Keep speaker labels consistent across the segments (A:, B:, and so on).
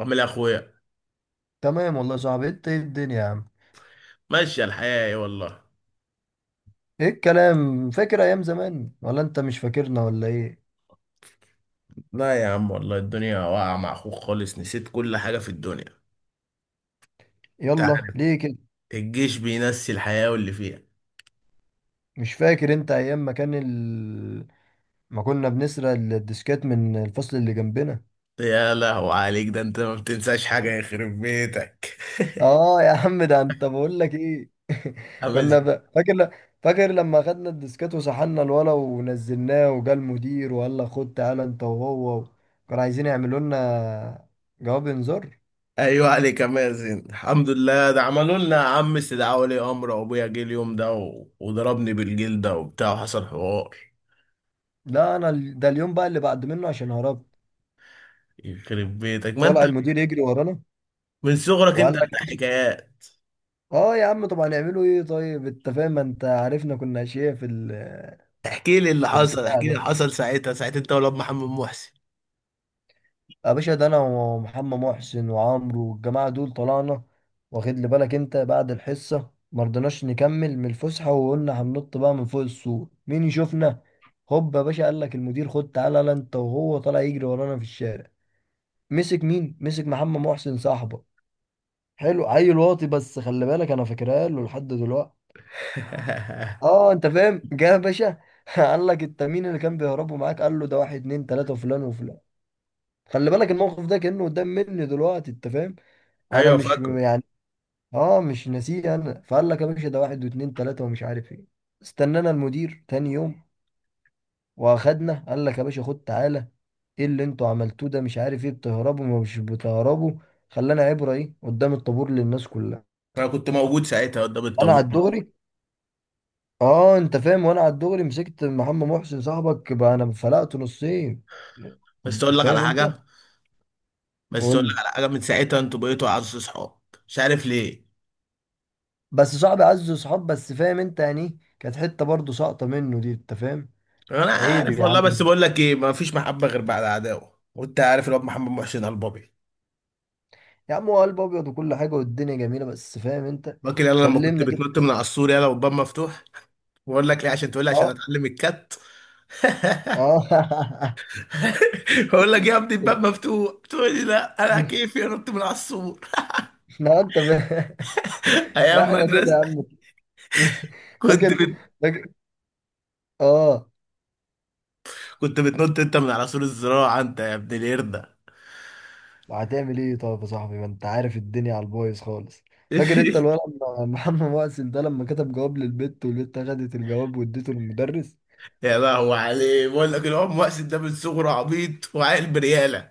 A: عامل ايه يا اخويا؟
B: تمام والله يا صاحبي، انت ايه الدنيا يا عم؟
A: ماشي الحياة ايه والله.
B: ايه الكلام؟ فاكر ايام زمان ولا انت مش فاكرنا ولا ايه؟
A: لا يا عم والله الدنيا واقعة مع اخوك خالص، نسيت كل حاجة في الدنيا. انت
B: يلا
A: عارف،
B: ليه كده؟
A: الجيش بينسي الحياة واللي فيها.
B: مش فاكر انت ايام ما كان ما كنا بنسرق الديسكات من الفصل اللي جنبنا؟
A: يا لهو عليك، ده انت ما بتنساش حاجة يخرب بيتك.
B: اه يا عم، ده انت بقول لك ايه؟ كنا
A: امازن.
B: ب... فاكر ل... فاكر لما خدنا الديسكات وسحلنا الولا ونزلناه وجا المدير وقال لك خد تعالى انت وهو، كانوا عايزين يعملوا لنا جواب انذار.
A: ايوه عليك امازن، الحمد لله، ده عملوا لنا يا عم استدعاء ولي امر، وابويا جه اليوم ده وضربني بالجلدة وبتاع وحصل حوار.
B: لا انا ده اليوم بقى اللي بعد منه عشان هربت.
A: يخرب بيتك ما انت
B: طلع المدير يجري ورانا
A: من صغرك
B: وقال
A: انت
B: لك يا
A: بتاع
B: باشا.
A: حكايات.
B: اه يا عم، طب هنعمله ايه؟ طيب انت فاهم، ما انت عارفنا كنا اشياء في في البتاع
A: احكي لي اللي
B: ده.
A: حصل ساعتها، انت ولاد محمد محسن.
B: يا باشا، ده انا ومحمد محسن وعمرو والجماعه دول طلعنا. واخد لي بالك انت؟ بعد الحصه ما رضيناش نكمل من الفسحه وقلنا هننط بقى من فوق السور، مين يشوفنا؟ هوب يا باشا، قال لك المدير خد تعالى يلا انت وهو، طالع يجري ورانا في الشارع. مسك مين؟ مسك محمد محسن صاحبه. حلو، عيل واطي، بس خلي بالك انا فاكرها له لحد دلوقتي. اه انت فاهم، جه يا باشا قال لك انت مين اللي كان بيهربوا معاك؟ قال له ده واحد اتنين تلاته وفلان وفلان. خلي بالك، الموقف ده كانه قدام مني دلوقتي، انت فاهم، انا
A: ايوه
B: مش
A: فاكره.
B: يعني. اه مش ناسيه انا. فقال لك يا باشا ده واحد واتنين تلاته ومش عارف ايه. استنانا المدير تاني يوم واخدنا، قال لك يا باشا خد تعالى. ايه اللي انتوا عملتوه ده؟ مش عارف ايه، بتهربوا ما مش بتهربوا. خلانا عبره ايه قدام الطابور للناس كلها.
A: انا كنت موجود ساعتها قدام
B: انا
A: الطابور
B: على
A: دي.
B: الدغري، اه انت فاهم، وانا على الدغري مسكت محمد محسن صاحبك، بقى انا فلقته نصين.
A: بس اقول لك على
B: فاهم
A: حاجه
B: انت؟
A: بس
B: قول
A: اقول لك
B: لي.
A: على حاجه، من ساعتها انتوا بقيتوا اعز صحاب. مش عارف ليه.
B: بس صاحبي عز صحاب، بس فاهم انت يعني ايه؟ كانت حته برضه ساقطه منه دي، انت فاهم.
A: انا
B: عيب
A: عارف
B: يا
A: والله،
B: عم،
A: بس بقول لك ايه، ما فيش محبه غير بعد عداوه، وانت عارف الواد محمد محسن البابي.
B: يا عم هو قلب ابيض وكل حاجه والدنيا جميله، بس فاهم انت.
A: فاكر يلا لما كنت
B: سلمنا كده
A: بتنط من
B: بس.
A: على السور يلا والباب مفتوح؟ بقول لك ايه عشان تقول لي عشان
B: اه.
A: اتعلم الكت.
B: اه
A: بقول لك يا ابني الباب مفتوح، تقول لي لا انا كيفي انط من على السور.
B: لا انت فاهم. لا
A: ايام
B: احنا كده يا
A: مدرسه.
B: عم.
A: كنت
B: فاكر.
A: بت...
B: فاكر. اه.
A: كنت بتنط انت من على سور الزراعه انت يا ابن القرده.
B: هتعمل ايه طيب يا صاحبي؟ ما انت عارف الدنيا على البايظ خالص. فاكر انت الولد محمد مؤسل ده لما كتب جواب للبت والبت خدت الجواب واديته للمدرس؟
A: يا لهوي عليه، بقول لك العم مقصد ده من صغره عبيط وعاقل برياله.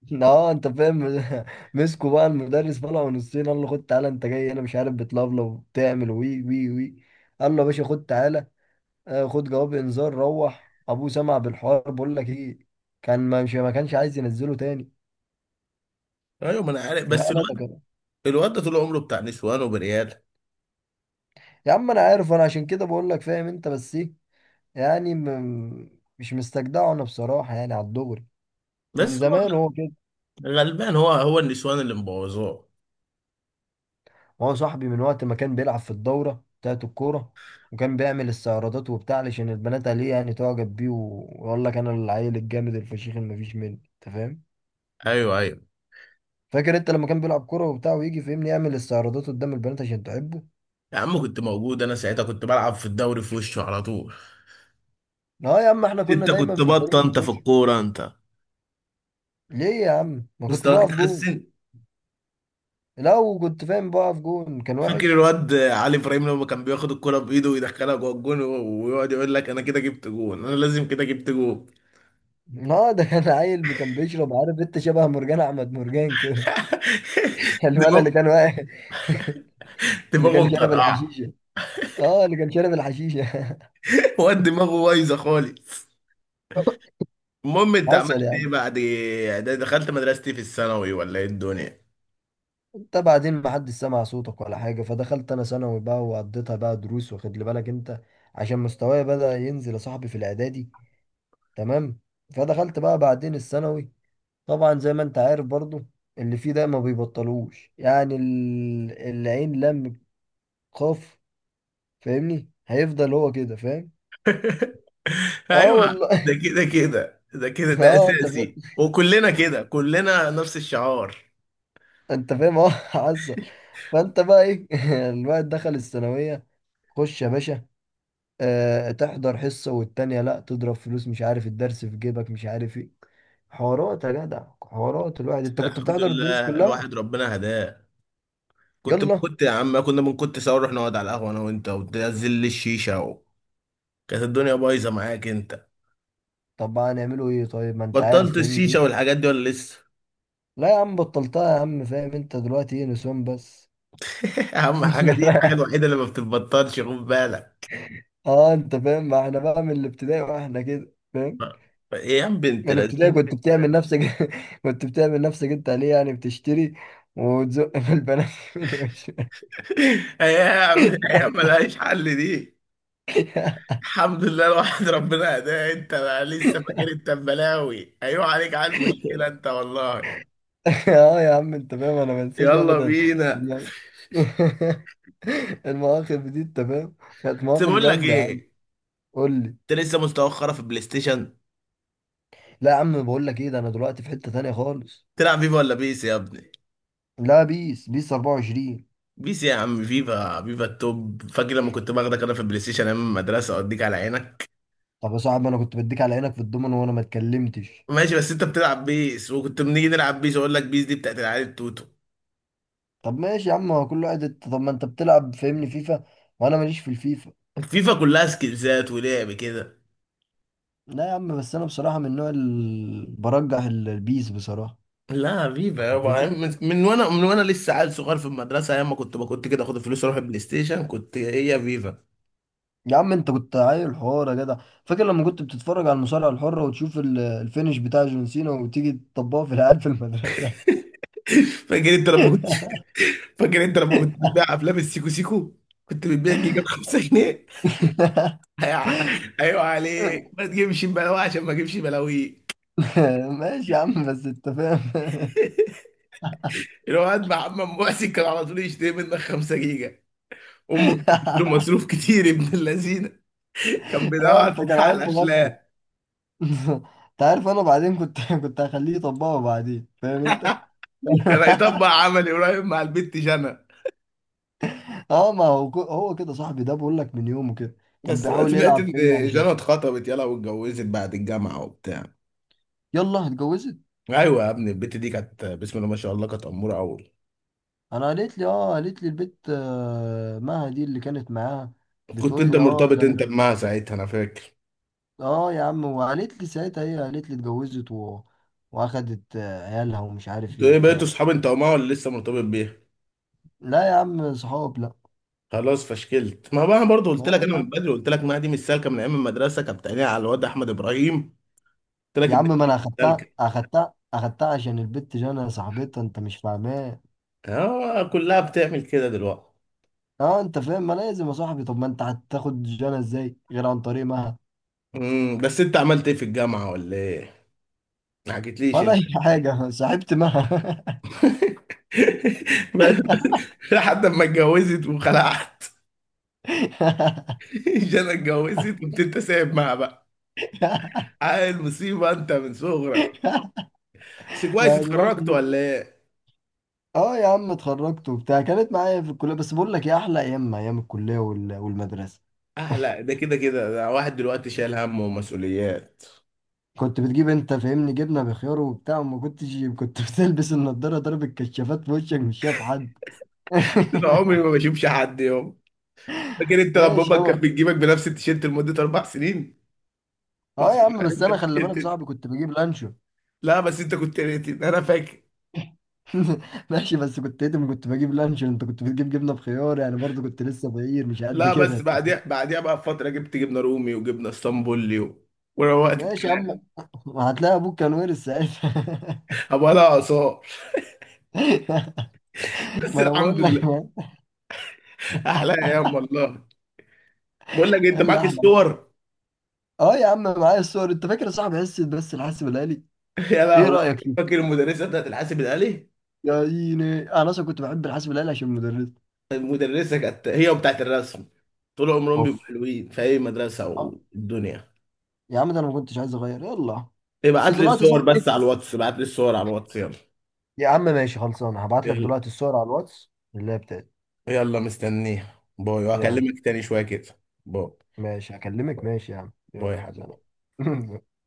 B: اه انت فاهم مسكوا بقى المدرس، طلعوا نصين. قال له خد تعالى انت جاي، انا مش عارف بتلفلف وبتعمل وي وي وي. قال له يا باشا خد تعالى. آه، خد جواب انذار، روح ابوه سمع بالحوار. بقول لك ايه، كان ما مش ما كانش عايز ينزله تاني.
A: ايوه ما انا عارف،
B: لا،
A: بس
B: لا، ده
A: الواد،
B: كده.
A: الواد ده طول عمره بتاع نسوان وبرياله.
B: يا عم انا عارف، انا عشان كده بقول لك فاهم انت. بس ايه يعني مش مستجدعه انا بصراحه يعني على الدغري. من
A: بس
B: زمان
A: هو
B: هو كده.
A: غلبان، هو هو النسوان اللي مبوظاه.
B: هو صاحبي من وقت ما كان بيلعب في الدوره بتاعت الكوره، وكان بيعمل استعراضات وبتاع علشان البنات عليه يعني تعجب بيه ويقول لك انا العيل الجامد الفشيخ اللي مفيش منه، انت فاهم.
A: ايوه ايوه.
B: فاكر انت لما كان بيلعب كوره وبتاع ويجي فهمني يعمل استعراضات قدام البنات عشان تعبه؟
A: يا عم كنت موجود انا ساعتها، كنت بلعب في الدوري في وشه على طول.
B: لا يا عم احنا كنا
A: انت
B: دايما
A: كنت
B: في الفريق
A: بطه
B: اللي
A: انت
B: في
A: في
B: وشه.
A: الكوره انت،
B: ليه يا عم؟ ما كنت
A: مستواك
B: بقف جون.
A: اتحسن.
B: لا وكنت فاهم بقف جون، كان
A: فاكر
B: وحش.
A: الواد علي ابراهيم لما كان بياخد الكوره بايده ويدخلها جوه الجون ويقعد يقول لك انا كده جبت جون، انا لازم كده جبت جون.
B: اه، ده كان عيل كان بيشرب، عارف انت، شبه مرجان احمد مرجان كده. الولد اللي
A: دماغه،
B: كان واقع اللي
A: دماغه
B: كان شارب
A: مطرقعه.
B: الحشيشه. اه اللي كان شارب الحشيشه.
A: واد دماغه بايظه خالص. المهم انت
B: حصل
A: عملت ايه
B: يعني.
A: بعد ده؟ دخلت مدرستي في الثانوي ولا ايه الدنيا؟
B: انت بعدين ما حدش سمع صوتك ولا حاجه، فدخلت انا ثانوي بقى وقضيتها بقى دروس، واخد لي بالك انت عشان مستواي بدأ ينزل يا صاحبي في الاعدادي. تمام. فدخلت بقى بعدين الثانوي، طبعا زي ما انت عارف برضو اللي فيه ده ما بيبطلوش، يعني العين لم قاف. فاهمني، هيفضل هو كده، فاهم. اه
A: ايوه،
B: والله
A: ده كده كده، ده كده، ده
B: اه انت
A: اساسي، وكلنا كده، كلنا نفس الشعار.
B: انت فاهم اه عزه. فانت بقى ايه؟ الواحد دخل الثانويه. خش يا باشا، آه، تحضر حصه والتانيه لا، تضرب فلوس، مش عارف الدرس في جيبك، مش عارف ايه. حوارات يا جدع حوارات. الواحد
A: بس
B: انت كنت
A: الحمد
B: بتحضر الدروس
A: لله
B: كلها؟
A: الواحد ربنا هداه. كنت
B: يلا.
A: كنت يا عم، كنا من كنت سوا نروح نقعد على القهوه انا وانت، وتنزل لي الشيشه كانت الدنيا بايظه معاك انت.
B: طب بقى هنعمله ايه طيب؟ ما انت عارف
A: بطلت
B: فاهمني.
A: الشيشه والحاجات دي ولا لسه؟
B: لا يا عم بطلتها يا عم، فاهم انت، دلوقتي ايه، نسوان بس.
A: اهم حاجه دي، الحاجه الوحيده اللي ما بتتبطلش، خد بالك.
B: اه انت فاهم، ما احنا بقى من الابتدائي واحنا كده، فاهم.
A: ايه يا عم بنت
B: من الابتدائي
A: لذينه.
B: كنت بتعمل نفسك كنت بتعمل نفسك انت عليه يعني بتشتري وتزق في البنات من وش.
A: ايام ايام ملهاش حل دي. الحمد لله الواحد ربنا هداه. انت بقى لسه فاكر انت بلاوي، ايوه عليك على المشكله انت والله.
B: اه يا عم انت فاهم، انا ما انساش
A: يلا
B: ابدا.
A: بينا.
B: الم- المواقف دي انت فاهم، كانت
A: بس
B: مواقف
A: بقول لك
B: جامده يا عم.
A: ايه،
B: قول لي.
A: انت لسه مستوخره في البلاي ستيشن؟
B: لا يا عم، بقول لك ايه، ده انا دلوقتي في حته تانية خالص.
A: تلعب فيفا ولا بيس يا ابني؟
B: لا بيس، بيس 24.
A: بيس يا عم؟ فيفا، فيفا التوب. فاكر لما كنت باخدك انا في البلاي ستيشن ايام المدرسه اوديك على عينك؟
B: طب يا صاحبي انا كنت بديك على عينك في الضمن وانا ما اتكلمتش.
A: ماشي، بس انت بتلعب بيس، وكنت بنيجي نلعب بيس، اقول لك بيس دي بتاعت العيال التوتو.
B: طب ماشي يا عم، هو كل واحد، طب ما انت بتلعب فاهمني فيفا وانا ماليش في الفيفا.
A: فيفا كلها سكيلزات ولعب كده.
B: لا يا عم بس انا بصراحه من النوع اللي برجح البيس بصراحه.
A: لا حبيبي يابا، يعني من وانا لسه عيل صغير في المدرسه، ايام ما كنت كنت كده اخد الفلوس اروح البلاي ستيشن، كنت هي يا فيفا.
B: يا عم انت كنت عيل حوار يا جدع. فاكر لما كنت بتتفرج على المصارعه الحره وتشوف الفينش بتاع جون سينا وتيجي تطبقه في العيال في المدرسه؟
A: فاكر انت لما كنت فاكر انت لما كنت بتبيع افلام السيكو سيكو؟ كنت بتبيع جيجا ب 5 جنيه. هيع- ايوه عليك ما تجيبش بلاوي عشان ما اجيبش بلاوي.
B: ماشي يا عم، بس انت فاهم
A: الواد محمد محسن كان على طول يشتري منك 5 جيجا. امك كانت بتديله مصروف كتير ابن اللذينه. كان بيدور
B: اه انت كان
A: على
B: عيل مغفل.
A: الافلام.
B: انت عارف انا بعدين كنت كنت هخليه يطبقه بعدين، فاهم انت.
A: كان هيطبق عملي قريب مع البت جنى.
B: اه، ما هو هو كده صاحبي ده، بقول لك من يومه كده كان
A: بس انا
B: بيحاول
A: سمعت
B: يلعب
A: ان
B: فيني على.
A: جانا اتخطبت، يلا، واتجوزت بعد الجامعه وبتاع.
B: يلا اتجوزت.
A: ايوه يا ابني، البت دي كانت بسم الله ما شاء الله، كانت اموره قوي.
B: انا قالت لي اه، قالت لي البت، آه، مها دي اللي كانت معاها،
A: كنت
B: بتقول
A: انت
B: لي اه
A: مرتبط
B: ده
A: انت بمها ساعتها انا فاكر.
B: اه يا عم. وقالت لي ساعتها، هي قالت لي واخدت آه، عيالها ومش عارف ايه
A: انتوا ايه بقيتوا
B: وبتاع.
A: اصحاب انت ومها ولا لسه مرتبط بيها؟
B: لا يا عم، صحاب لا.
A: خلاص فشكلت. ما بقى انا برضه قلت لك،
B: لا
A: انا
B: يا
A: من
B: عم،
A: بدري قلت لك ما دي مش سالكه، من ايام المدرسه كانت بتعينيها على الواد احمد ابراهيم. قلت لك
B: يا عم
A: البت
B: ما انا
A: دي مش سالكه.
B: اخدتها اخدتها اخدتها عشان البت جانا صاحبتها، انت مش فاهماه.
A: اه كلها بتعمل كده دلوقتي.
B: اه انت فاهم، ما لازم يا صاحبي، طب ما انت هتاخد جانا ازاي غير عن طريق مها؟
A: بس انت عملت ايه في الجامعه ولا ايه؟ ما حكيتليش
B: ولا
A: انت.
B: اي حاجه، صاحبت مها.
A: لحد ما اتجوزت وخلعت. جانا اتجوزت، قمت انت سايب معاها بقى. عيل مصيبه انت من صغرك. بس كويس
B: ما هي
A: اتخرجت
B: دلوقتي.
A: ولا ايه؟
B: اه يا عم اتخرجت وبتاع، كانت معايا في الكليه، بس بقول لك يا احلى ايام ايام الكليه والمدرسه.
A: اه لا ده كده كده، ده واحد دلوقتي شايل هم ومسؤوليات.
B: كنت بتجيب انت فاهمني جبنه بخيار وبتاع وما كنتش كنت بتلبس النضاره، ضرب الكشافات في وشك مش شايف حد
A: انا عمري ما بشوفش حد يوم. فاكر انت لما
B: ايش
A: امك
B: يابا،
A: كانت بتجيبك بنفس التيشيرت لمده 4 سنين؟ كنت
B: اه يا عم
A: شغال
B: بس
A: انت
B: انا خلي بالك يا
A: التيشيرت.
B: صاحبي كنت بجيب لانشو
A: لا بس انت كنت ريتد انا فاكر.
B: ماشي بس كنت ايتم، كنت بجيب لانشو، انت كنت بتجيب جبنه بخيار، يعني برضه كنت لسه فقير مش قد
A: لا
B: كده
A: بس
B: انت.
A: بعديها بقى بفتره جبت جبنه رومي وجبنه اسطنبولي وروقت
B: ماشي يا
A: الكلام.
B: عم هتلاقي ابوك كان وارث ساعتها.
A: ابقى لها اثار. بس
B: ما انا
A: الحمد
B: بقول لك
A: لله.
B: ايه
A: احلى ايام والله. بقول لك إيه، انت
B: اللي
A: معاك
B: احلى.
A: الصور؟
B: اه يا عم معايا الصور، انت فاكر صاحب حصه بس الحاسب الالي؟
A: يا
B: ايه
A: لهوي.
B: رايك فيه؟
A: فاكر المدرسه بتاعت الحاسب الالي؟
B: يا ديني انا اصلا كنت بحب الحاسب الالي عشان المدرس.
A: المدرسه كانت هي وبتاعت الرسم طول عمرهم
B: اوف.
A: بيبقوا حلوين في اي مدرسه
B: اه
A: والدنيا.
B: يا عم ده انا ما كنتش عايز اغير، يلا. بس دلوقتي صاحب ايه؟
A: ابعت لي الصور على الواتس يلا.
B: يا عم ماشي خلصان، هبعت لك
A: يلا
B: دلوقتي الصور على الواتس اللي هي بتاعتي.
A: يلا، مستنيها. باي،
B: يلا.
A: وهكلمك تاني شويه كده. باي.
B: ماشي هكلمك،
A: باي
B: ماشي يا عم يلا
A: باي يا حبيبي.
B: سلام.